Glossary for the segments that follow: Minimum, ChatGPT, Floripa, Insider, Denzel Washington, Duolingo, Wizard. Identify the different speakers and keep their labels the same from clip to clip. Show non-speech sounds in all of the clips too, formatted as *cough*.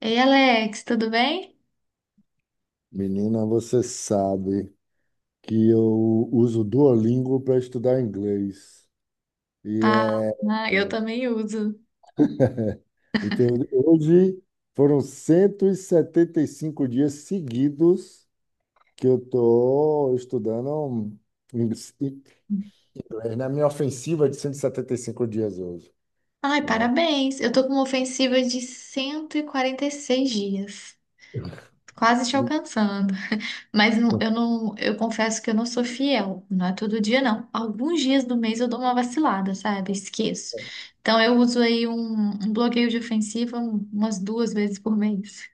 Speaker 1: Ei, Alex, tudo bem?
Speaker 2: Menina, você sabe que eu uso o Duolingo para estudar inglês. E
Speaker 1: Ah, ah, eu também uso.
Speaker 2: então, hoje foram cento e setenta e cinco dias seguidos que eu estou estudando inglês, na minha ofensiva é de cento e setenta e cinco dias hoje,
Speaker 1: Ai,
Speaker 2: né?
Speaker 1: parabéns. Eu tô com uma ofensiva de cento e quarenta e seis dias, quase te alcançando. Eu confesso que eu não sou fiel, não é todo dia não. Alguns dias do mês eu dou uma vacilada, sabe? Esqueço. Então eu uso um bloqueio de ofensiva umas duas vezes por mês.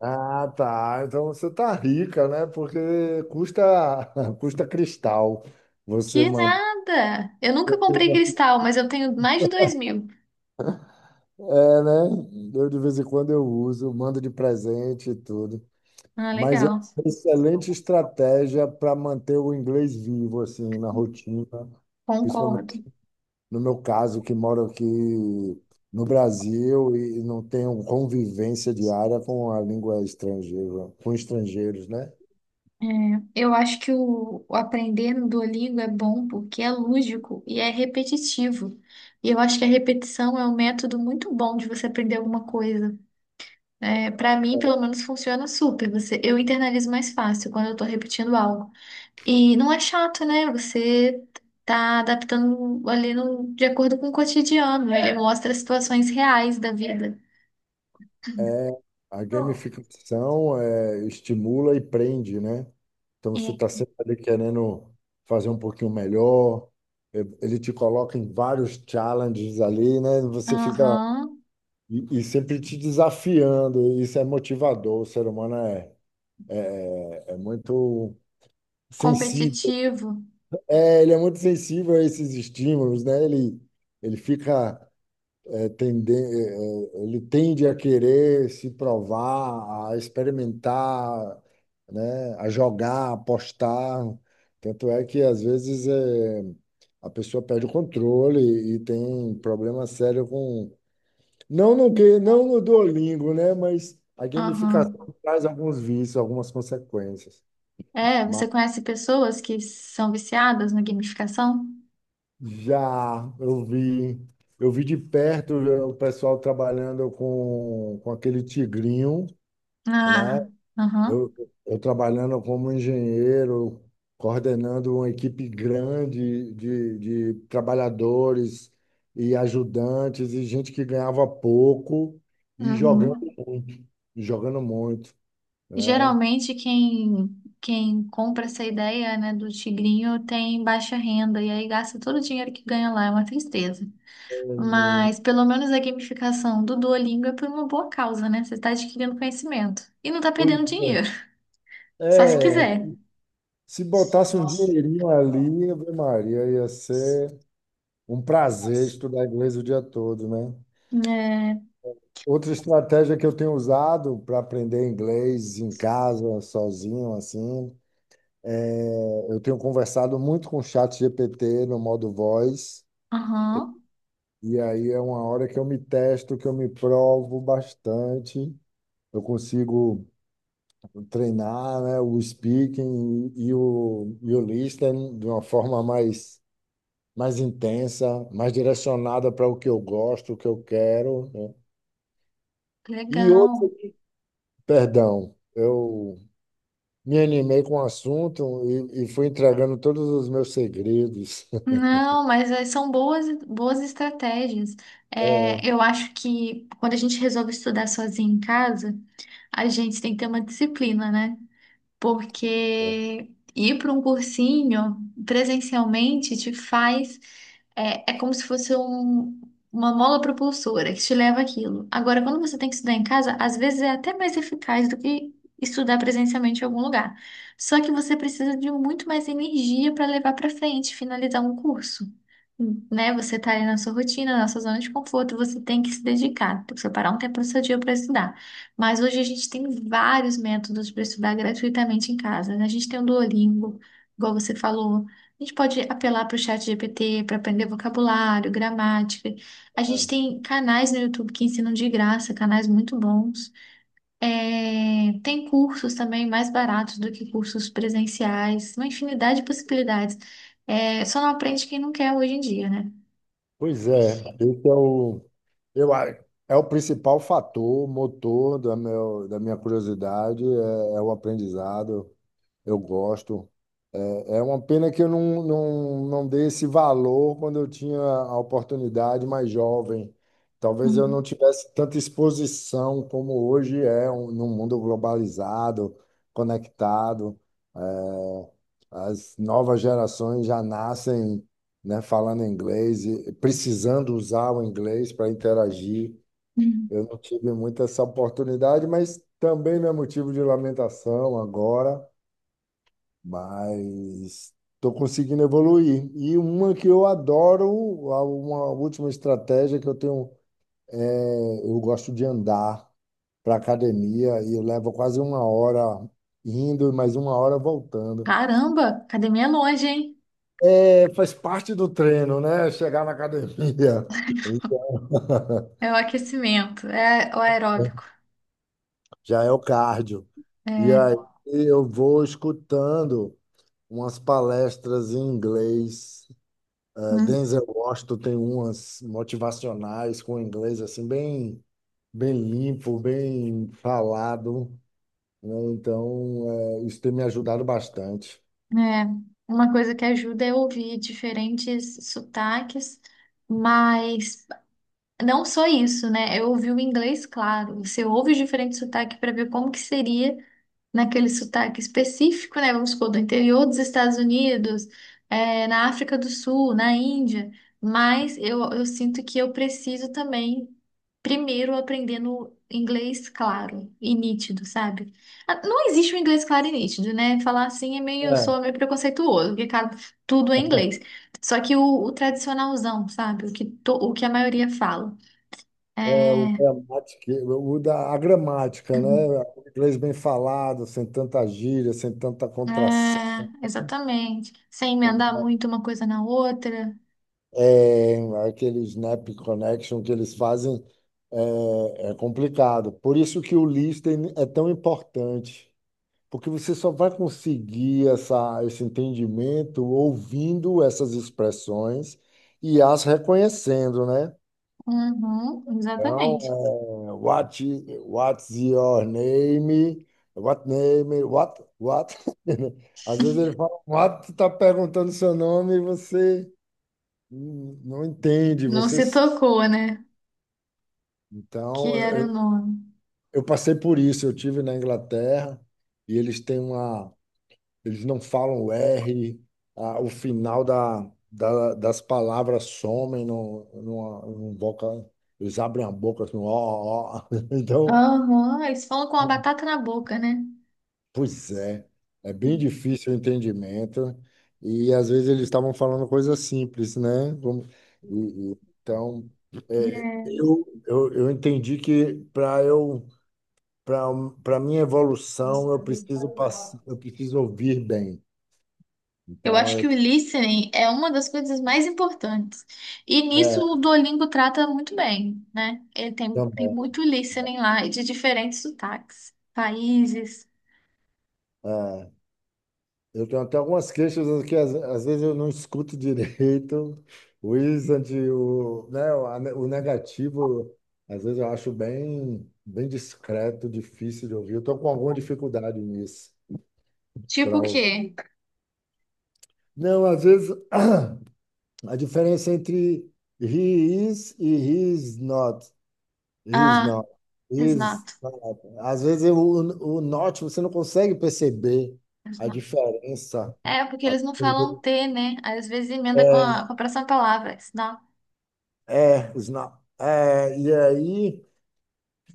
Speaker 2: Ah, tá. Então você tá rica, né? Porque custa *laughs* custa cristal você
Speaker 1: Que
Speaker 2: manter.
Speaker 1: nada! Eu nunca comprei cristal, mas eu tenho mais de 2.000.
Speaker 2: É, né? Eu de vez em quando eu uso, mando de presente e tudo.
Speaker 1: Ah,
Speaker 2: Mas é
Speaker 1: legal.
Speaker 2: uma excelente estratégia para manter o inglês vivo, assim, na rotina,
Speaker 1: Concordo.
Speaker 2: principalmente no meu caso, que moro aqui no Brasil e não tenho convivência diária com a língua estrangeira, com estrangeiros, né?
Speaker 1: Eu acho que o aprender no Duolingo é bom porque é lúdico e é repetitivo. E eu acho que a repetição é um método muito bom de você aprender alguma coisa. É, para mim, pelo menos, funciona super. Você, eu internalizo mais fácil quando eu tô repetindo algo. E não é chato, né? Você tá adaptando ali no, de acordo com o cotidiano. Ele mostra situações reais da vida.
Speaker 2: é A gamificação estimula e prende, né? Então você
Speaker 1: É.
Speaker 2: está sempre ali querendo fazer um pouquinho melhor. Ele te coloca em vários challenges ali, né? Você fica
Speaker 1: Aham.
Speaker 2: e sempre te desafiando. Isso é motivador. O ser humano é muito sensível.
Speaker 1: Competitivo.
Speaker 2: É, ele é muito sensível a esses estímulos, né? Ele fica é, tende- é, ele tende a querer se provar, a experimentar, né, a jogar, a apostar. Tanto é que, às vezes, a pessoa perde o controle e tem problema sério com. Não no que, não no Duolingo, né? Mas a
Speaker 1: Aham.
Speaker 2: gamificação traz alguns vícios, algumas consequências.
Speaker 1: É,
Speaker 2: Mas
Speaker 1: você conhece pessoas que são viciadas na gamificação?
Speaker 2: já eu vi de perto o pessoal trabalhando com aquele tigrinho, né?
Speaker 1: Ah, aham,
Speaker 2: Eu, eu trabalhando como engenheiro, coordenando uma equipe grande de trabalhadores e ajudantes e gente que ganhava pouco e
Speaker 1: uhum.
Speaker 2: muito, jogando muito, né?
Speaker 1: Geralmente quem compra essa ideia, né, do tigrinho tem baixa renda e aí gasta todo o dinheiro que ganha lá, é uma tristeza. Mas pelo menos a gamificação do Duolingo é por uma boa causa, né? Você está adquirindo conhecimento e não está
Speaker 2: Pois
Speaker 1: perdendo dinheiro, só se
Speaker 2: é,
Speaker 1: quiser.
Speaker 2: se botasse um dinheirinho ali, Ave Maria, ia ser um prazer estudar inglês o dia todo, né?
Speaker 1: É,
Speaker 2: Outra estratégia que eu tenho usado para aprender inglês em casa, sozinho, assim, é eu tenho conversado muito com o chat GPT no modo voz,
Speaker 1: aham,
Speaker 2: e aí é uma hora que eu me testo, que eu me provo bastante. Eu consigo treinar, né, o speaking e o listening de uma forma mais intensa, mais direcionada para o que eu gosto, o que eu quero, né? E
Speaker 1: legal.
Speaker 2: outro, perdão, eu me animei com o assunto e fui entregando todos os meus segredos. *laughs*
Speaker 1: Não, mas são boas, boas estratégias. É, eu acho que quando a gente resolve estudar sozinho em casa, a gente tem que ter uma disciplina, né? Porque ir para um cursinho presencialmente te faz. É, é como se fosse um- uma mola propulsora que te leva àquilo. Agora, quando você tem que estudar em casa, às vezes é até mais eficaz do que estudar presencialmente em algum lugar. Só que você precisa de muito mais energia para levar para frente, finalizar um curso. Né? Você está ali na sua rotina, na sua zona de conforto, você tem que se dedicar, tem que separar um tempo do seu dia para estudar. Mas hoje a gente tem vários métodos para estudar gratuitamente em casa, né? A gente tem o Duolingo, igual você falou. A gente pode apelar para o chat GPT para aprender vocabulário, gramática. A
Speaker 2: É,
Speaker 1: gente
Speaker 2: é.
Speaker 1: tem canais no YouTube que ensinam de graça, canais muito bons. É, tem cursos também mais baratos do que cursos presenciais, uma infinidade de possibilidades. É, só não aprende quem não quer hoje em dia, né?
Speaker 2: Pois é, esse é o, eu, a- é o principal fator, motor da, meu, da minha curiosidade, é o aprendizado. Eu gosto. É uma pena que eu não, não, não dei esse valor quando eu tinha a oportunidade mais jovem. Talvez eu não tivesse tanta exposição como hoje num mundo globalizado, conectado. É, as novas gerações já nascem, né, falando inglês, e precisando usar o inglês para interagir.
Speaker 1: Uhum.
Speaker 2: Eu não tive muito essa oportunidade, mas também não é motivo de lamentação agora, mas estou conseguindo evoluir. E uma que eu adoro, a- uma última estratégia que eu tenho, é, eu gosto de andar para academia e eu levo quase uma hora indo e mais uma hora voltando.
Speaker 1: Caramba, academia é longe, hein?
Speaker 2: É, faz parte do treino, né? Chegar na academia. *laughs*
Speaker 1: É o aquecimento, é o aeróbico.
Speaker 2: Já é o cardio. E
Speaker 1: É,
Speaker 2: aí eu vou escutando umas palestras em inglês.
Speaker 1: hum,
Speaker 2: Denzel Washington tem umas motivacionais com inglês assim bem limpo, bem falado, né? Então, isso tem me ajudado bastante.
Speaker 1: é. Uma coisa que ajuda é ouvir diferentes sotaques, mas não só isso, né? Eu ouvi o inglês, claro. Você ouve os diferentes sotaques para ver como que seria naquele sotaque específico, né? Vamos supor, do interior dos Estados Unidos, é, na África do Sul, na Índia. Mas eu sinto que eu preciso também primeiro aprendendo inglês claro e nítido, sabe? Ah, não existe um inglês claro e nítido, né? Falar assim é meio,
Speaker 2: É,
Speaker 1: sou meio preconceituoso, porque cara, tudo é inglês. Só que o tradicionalzão, sabe? O que, o que a maioria fala. É,
Speaker 2: é o gramática, o da a gramática, né?
Speaker 1: *clears throat*
Speaker 2: O inglês bem falado, sem tanta gíria, sem tanta contração.
Speaker 1: é, exatamente. Sem emendar muito uma coisa na outra.
Speaker 2: É, aquele snap connection que eles fazem é complicado. Por isso que o listening é tão importante. Porque você só vai conseguir essa, esse entendimento ouvindo essas expressões e as reconhecendo, né?
Speaker 1: Uhum,
Speaker 2: Então,
Speaker 1: exatamente.
Speaker 2: what, i- what's your name? What name? What? What? *laughs* Às vezes ele fala, what, está perguntando seu nome e você não entende,
Speaker 1: Não
Speaker 2: você...
Speaker 1: se
Speaker 2: s-
Speaker 1: tocou, né? Que
Speaker 2: Então,
Speaker 1: era o
Speaker 2: eu,
Speaker 1: nome.
Speaker 2: eu passei por isso. Eu tive na Inglaterra e eles têm uma. Eles não falam o R, a- o final da, da- das palavras somem no, numa, num boca, eles abrem a boca assim, ó, ó. Ó. *laughs* Então,
Speaker 1: Aham, eles falam com a batata na boca, né?
Speaker 2: pois é, é bem difícil o entendimento e às vezes eles estavam falando coisas simples, né? Como- e- então,
Speaker 1: É.
Speaker 2: eu entendi que para eu para para minha evolução eu preciso passar, eu preciso ouvir bem.
Speaker 1: Eu
Speaker 2: Então,
Speaker 1: acho que
Speaker 2: eu,
Speaker 1: o listening é uma das coisas mais importantes. E nisso
Speaker 2: é,
Speaker 1: o Duolingo trata muito bem, né? Ele tem, tem
Speaker 2: também.
Speaker 1: muito listening lá e de diferentes sotaques, países.
Speaker 2: É. Eu tenho até algumas queixas que às vezes eu não escuto direito. O Wizard, o, né, o a ne- o negativo, às vezes eu acho bem, bem discreto, difícil de ouvir. Eu estou com alguma dificuldade nisso.
Speaker 1: Tipo
Speaker 2: Pra...
Speaker 1: o
Speaker 2: ou-
Speaker 1: quê?
Speaker 2: Não, às vezes *clears throat* a diferença entre he is e he is not. He is
Speaker 1: Ah,
Speaker 2: not. He is
Speaker 1: exato.
Speaker 2: not. Às vezes eu- o not você não consegue perceber a
Speaker 1: Exato.
Speaker 2: diferença.
Speaker 1: É, porque eles não falam T, né? Aí, às vezes emenda
Speaker 2: É,
Speaker 1: com a próxima palavra. Senão,
Speaker 2: é, os na- e aí,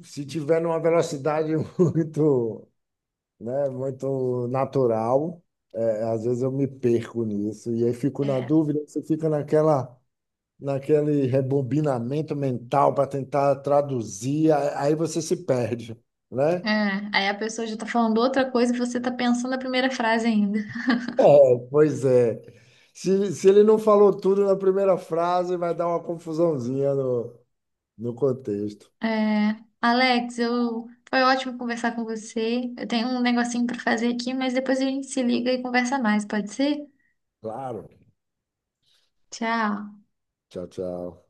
Speaker 2: se tiver numa velocidade *laughs* muito, né, muito natural, às vezes eu me perco nisso. E aí fico na
Speaker 1: é.
Speaker 2: dúvida, você fica naquela, naquele rebobinamento mental para tentar traduzir, a- aí você se perde, né?
Speaker 1: É, aí a pessoa já tá falando outra coisa e você tá pensando a primeira frase ainda.
Speaker 2: É, pois é. Se ele não falou tudo na primeira frase, vai dar uma confusãozinha no, no contexto.
Speaker 1: É, Alex, eu foi ótimo conversar com você. Eu tenho um negocinho para fazer aqui, mas depois a gente se liga e conversa mais, pode ser?
Speaker 2: Claro.
Speaker 1: Tchau.
Speaker 2: Tchau, tchau.